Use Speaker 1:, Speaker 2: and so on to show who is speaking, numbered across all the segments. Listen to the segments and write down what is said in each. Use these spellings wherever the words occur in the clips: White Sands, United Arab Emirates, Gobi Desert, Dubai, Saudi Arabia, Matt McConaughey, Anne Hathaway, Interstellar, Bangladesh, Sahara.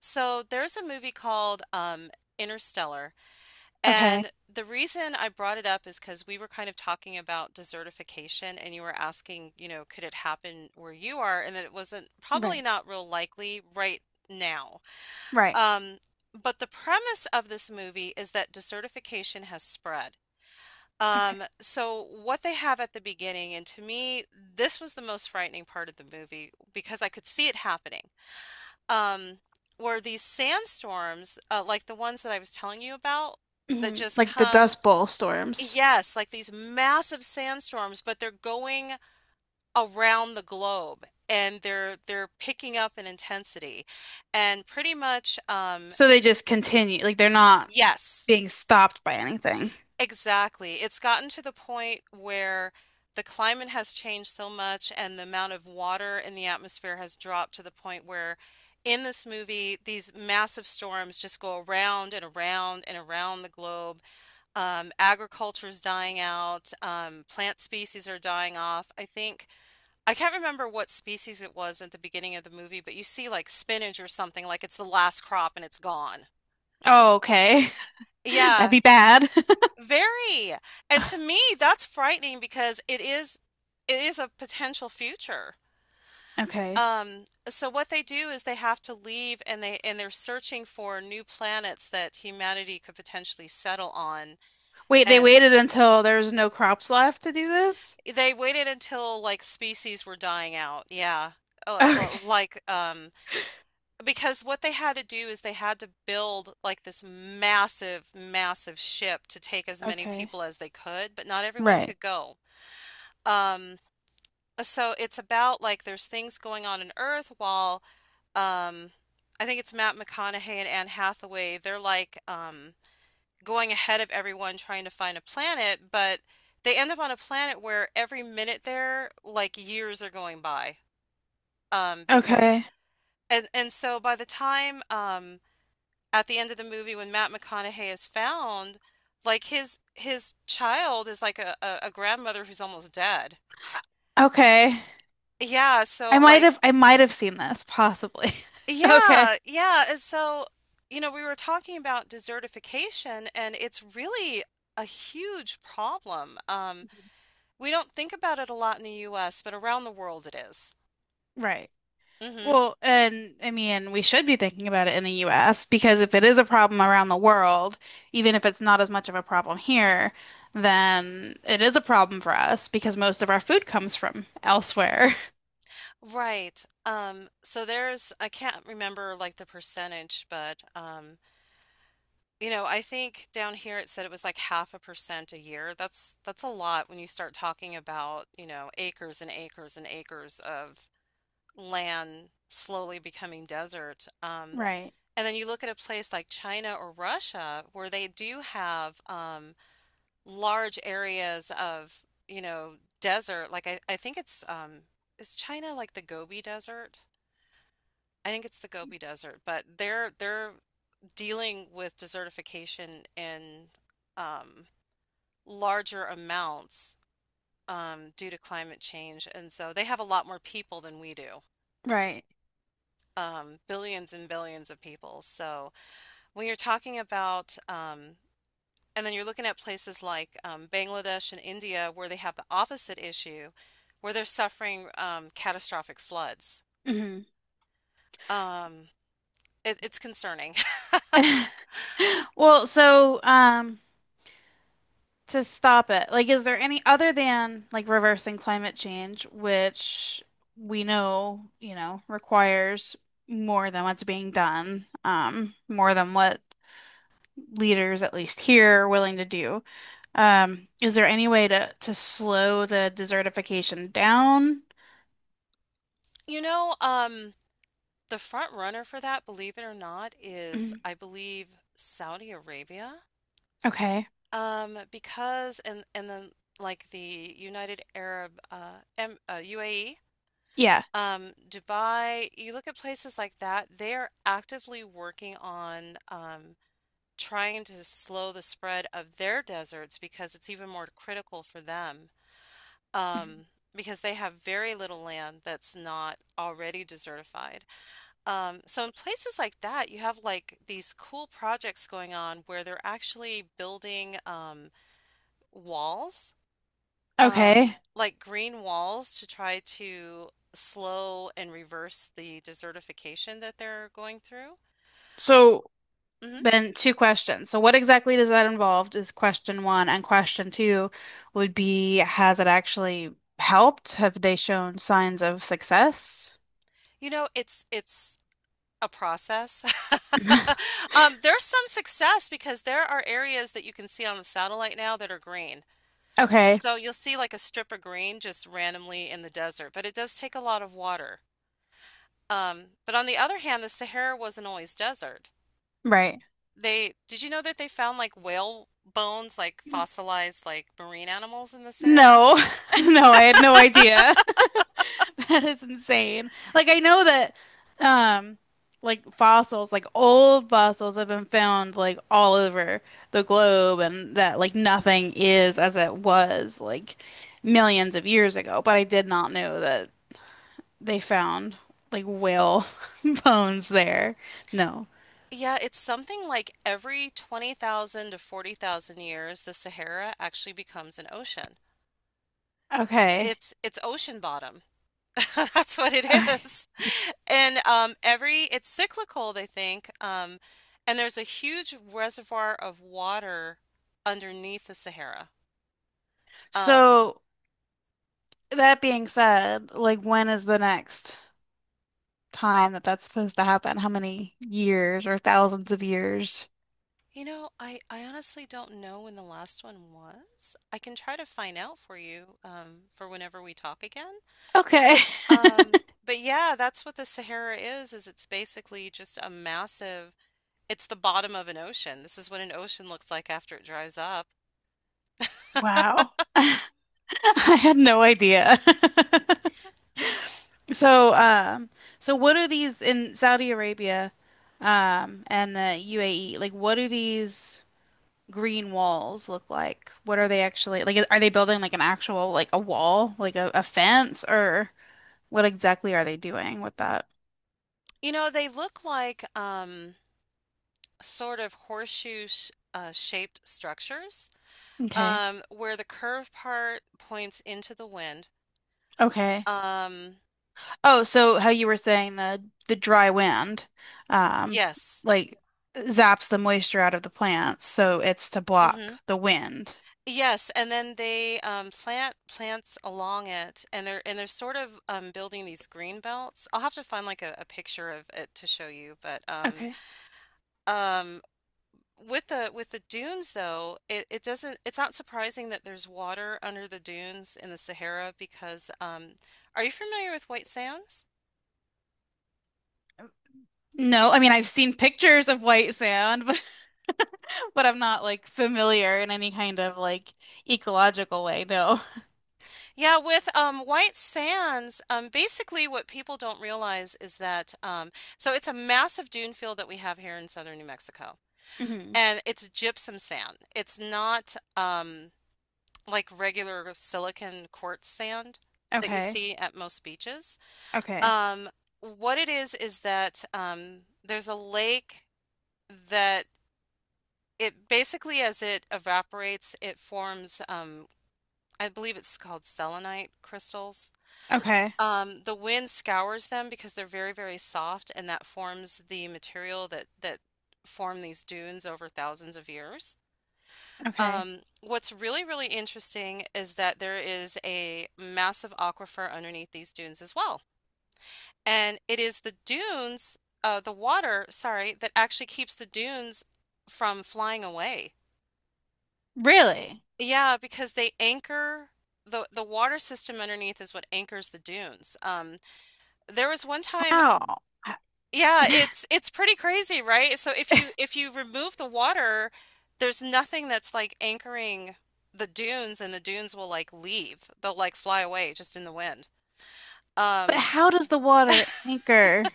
Speaker 1: So there's a movie called Interstellar,
Speaker 2: Okay.
Speaker 1: and the reason I brought it up is because we were kind of talking about desertification, and you were asking, you know, could it happen where you are, and that it wasn't probably
Speaker 2: Right.
Speaker 1: not real likely right now.
Speaker 2: Right.
Speaker 1: Um, but the premise of this movie is that desertification has spread.
Speaker 2: Okay.
Speaker 1: So what they have at the beginning, and to me, this was the most frightening part of the movie because I could see it happening um, were these sandstorms, like the ones that I was telling you about, that just
Speaker 2: Like the
Speaker 1: come,
Speaker 2: Dust Bowl storms.
Speaker 1: yes, like these massive sandstorms, but they're going around the globe and they're picking up in intensity. And pretty much,
Speaker 2: So they just continue. Like they're not
Speaker 1: yes.
Speaker 2: being stopped by anything.
Speaker 1: Exactly. It's gotten to the point where the climate has changed so much and the amount of water in the atmosphere has dropped to the point where in this movie these massive storms just go around and around and around the globe. Agriculture's dying out, plant species are dying off. I think I can't remember what species it was at the beginning of the movie, but you see like spinach or something, like it's the last crop and it's gone.
Speaker 2: Oh, okay. That'd
Speaker 1: Yeah.
Speaker 2: be bad.
Speaker 1: Very, and to me, that's frightening because it is a potential future.
Speaker 2: Okay.
Speaker 1: So what they do is they have to leave and they're searching for new planets that humanity could potentially settle on.
Speaker 2: Wait, they
Speaker 1: And
Speaker 2: waited until there was no crops left to do this?
Speaker 1: they waited until like species were dying out. Yeah. Uh, well,
Speaker 2: Okay.
Speaker 1: like um because what they had to do is they had to build like this massive, massive ship to take as many
Speaker 2: Okay.
Speaker 1: people as they could, but not everyone
Speaker 2: Right.
Speaker 1: could go. Um so it's about like there's things going on in Earth while um I think it's Matt McConaughey and Anne Hathaway, they're going ahead of everyone trying to find a planet, but they end up on a planet where every minute there like years are going by. Because
Speaker 2: Okay.
Speaker 1: and so by the time at the end of the movie when Matt McConaughey is found, like his child is like a grandmother who's almost dead.
Speaker 2: Okay.
Speaker 1: Yeah,
Speaker 2: I
Speaker 1: so
Speaker 2: might
Speaker 1: like
Speaker 2: have I might have seen this, possibly. Okay.
Speaker 1: yeah, yeah. And so, you know, we were talking about desertification, and it's really a huge problem. We don't think about it a lot in the US, but around the world it is.
Speaker 2: Right.
Speaker 1: Mm-hmm.
Speaker 2: Well, and I mean, we should be thinking about it in the US because if it is a problem around the world, even if it's not as much of a problem here, then it is a problem for us because most of our food comes from elsewhere.
Speaker 1: Right. So there's, I can't remember like the percentage, but you know, I think down here it said it was like half a percent a year. That's a lot when you start talking about, you know, acres and acres and acres of land slowly becoming desert.
Speaker 2: Right,
Speaker 1: And then you look at a place like China or Russia where they do have large areas of, you know, desert. Like I think it's is China like the Gobi Desert? I think it's the Gobi Desert, but they're dealing with desertification in um, larger amounts due to climate change, and so they have a lot more people than we do,
Speaker 2: right.
Speaker 1: billions and billions of people. So when you're talking about and then you're looking at places like Bangladesh and India where they have the opposite issue, where they're suffering catastrophic floods.
Speaker 2: hmm
Speaker 1: Um, it, it's concerning.
Speaker 2: Well, so to stop it, like is there any other than like reversing climate change, which we know, requires more than what's being done, more than what leaders, at least here, are willing to do. Is there any way to slow the desertification down?
Speaker 1: You know, the front runner for that, believe it or not, is
Speaker 2: Mm,
Speaker 1: I believe Saudi Arabia.
Speaker 2: okay.
Speaker 1: Because and then like the United Arab UAE,
Speaker 2: Yeah.
Speaker 1: Dubai. You look at places like that; they are actively working on trying to slow the spread of their deserts because it's even more critical for them.
Speaker 2: Mhm.
Speaker 1: Um, because they have very little land that's not already desertified. So in places like that, you have like these cool projects going on where they're actually building walls,
Speaker 2: Okay.
Speaker 1: like green walls to try to slow and reverse the desertification that they're going through.
Speaker 2: So
Speaker 1: Hmm.
Speaker 2: then two questions. So what exactly does that involve is question one, and question two would be, has it actually helped? Have they shown signs of success?
Speaker 1: You know, it's a process? There's some success because there are areas that you can see on the satellite now that are green.
Speaker 2: Okay,
Speaker 1: So you'll see like a strip of green just randomly in the desert, but it does take a lot of water. But on the other hand, the Sahara wasn't always desert.
Speaker 2: right.
Speaker 1: They, did you know that they found like whale bones, like fossilized like marine animals in the Sahara?
Speaker 2: No, no, I had no idea. That is insane. Like I know that um like fossils, like old fossils have been found like all over the globe and that like nothing is as it was like millions of years ago, but I did not know that they found like whale bones there. No.
Speaker 1: Yeah, it's something like every 20,000 to 40,000 years, the Sahara actually becomes an ocean.
Speaker 2: Okay.
Speaker 1: It's ocean bottom. That's what it is. And it's cyclical, they think. And there's a huge reservoir of water underneath the Sahara. Um,
Speaker 2: So that being said, like when is the next time that that's supposed to happen? How many years or thousands of years?
Speaker 1: you know, I honestly don't know when the last one was. I can try to find out for you for whenever we talk again.
Speaker 2: Okay.
Speaker 1: Um, but yeah, that's what the Sahara is it's basically just a massive, it's the bottom of an ocean. This is what an ocean looks like after it dries up.
Speaker 2: Wow. I had no idea. So, um, so what are these in Saudi Arabia, and the UAE? Like, what do these green walls look like? What are they actually like? Are they building like an actual like a wall, like a fence, or what exactly are they doing with that?
Speaker 1: You know, they look like sort of horseshoe sh shaped structures
Speaker 2: Okay.
Speaker 1: where the curved part points into the wind.
Speaker 2: Okay.
Speaker 1: Um,
Speaker 2: Oh, so how you were saying the dry wind, um,
Speaker 1: yes.
Speaker 2: like zaps the moisture out of the plants, so it's to
Speaker 1: Hmm.
Speaker 2: block the wind.
Speaker 1: Yes, and then they plant plants along it, and they're sort of building these green belts. I'll have to find like a picture of it to show you, but
Speaker 2: Okay.
Speaker 1: um, with the dunes though, it doesn't it's not surprising that there's water under the dunes in the Sahara because are you familiar with white sands?
Speaker 2: No, I mean I've seen pictures of white sand, but I'm not like familiar in any kind of like ecological way. No.
Speaker 1: Yeah, with White Sands, basically what people don't realize is that so it's a massive dune field that we have here in southern New Mexico,
Speaker 2: hmm
Speaker 1: and it's gypsum sand. It's not like regular silicon quartz sand that you
Speaker 2: Okay.
Speaker 1: see at most beaches.
Speaker 2: Okay.
Speaker 1: Um, what it is that there's a lake that it basically, as it evaporates, it forms, I believe it's called selenite crystals.
Speaker 2: Okay.
Speaker 1: The wind scours them because they're very, very soft, and that forms the material that form these dunes over thousands of years.
Speaker 2: Okay.
Speaker 1: What's really, really interesting is that there is a massive aquifer underneath these dunes as well. And it is the dunes, the water, sorry, that actually keeps the dunes from flying away.
Speaker 2: Really?
Speaker 1: Yeah, because they anchor the water system underneath is what anchors the dunes. There was one time
Speaker 2: How? H-
Speaker 1: yeah, it's pretty crazy, right? So if you remove the water, there's nothing that's like anchoring the dunes and the dunes will like leave. They'll like fly away just in the wind.
Speaker 2: But
Speaker 1: Um
Speaker 2: how does the water anchor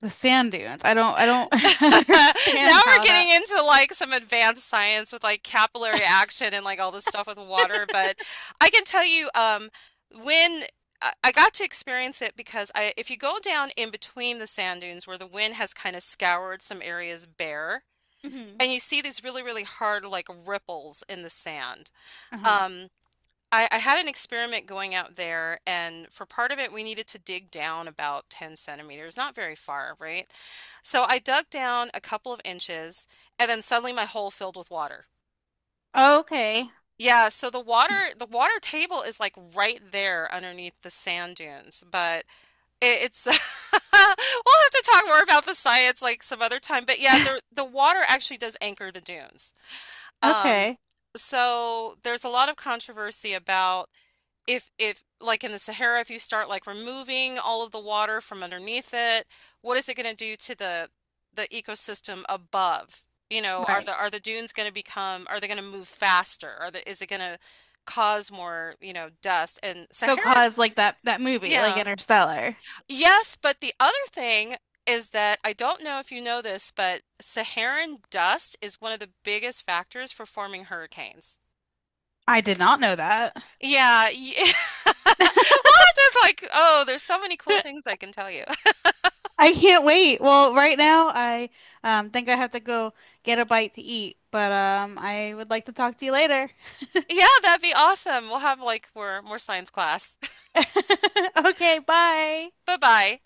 Speaker 2: the sand dunes? I don't
Speaker 1: Now
Speaker 2: understand
Speaker 1: we're
Speaker 2: how
Speaker 1: getting
Speaker 2: that.
Speaker 1: into like some advanced science with like capillary action and like all this stuff with water, but I can tell you when I got to experience it because I, if you go down in between the sand dunes where the wind has kind of scoured some areas bare,
Speaker 2: Mhm.
Speaker 1: and you see these really, really hard like ripples in the sand.
Speaker 2: Uh-huh.
Speaker 1: Um, I had an experiment going out there, and for part of it, we needed to dig down about 10 centimeters, not very far, right? So I dug down a couple of inches, and then suddenly my hole filled with water.
Speaker 2: Okay.
Speaker 1: Yeah, so the water table is like right there underneath the sand dunes, but it, it's we'll have to talk more about the science like some other time. But yeah, the water actually does anchor the dunes. Um,
Speaker 2: Okay.
Speaker 1: so there's a lot of controversy about if like in the Sahara, if you start like removing all of the water from underneath it, what is it going to do to the ecosystem above? You know,
Speaker 2: Right.
Speaker 1: are the dunes going to become are they going to move faster? Are the is it going to cause more, you know, dust? And
Speaker 2: So
Speaker 1: Sahara,
Speaker 2: cause like that movie, like
Speaker 1: yeah.
Speaker 2: Interstellar.
Speaker 1: Yes, but the other thing is that I don't know if you know this, but Saharan dust is one of the biggest factors for forming hurricanes.
Speaker 2: I did not know that.
Speaker 1: Yeah, ye well, it's just like, oh, there's so many cool things I can tell you.
Speaker 2: I can't wait. Well, right now I think I have to go get a bite to eat, but I would like to talk to you later.
Speaker 1: Yeah, that'd be awesome. We'll have like more science class.
Speaker 2: Okay, bye.
Speaker 1: Bye-bye.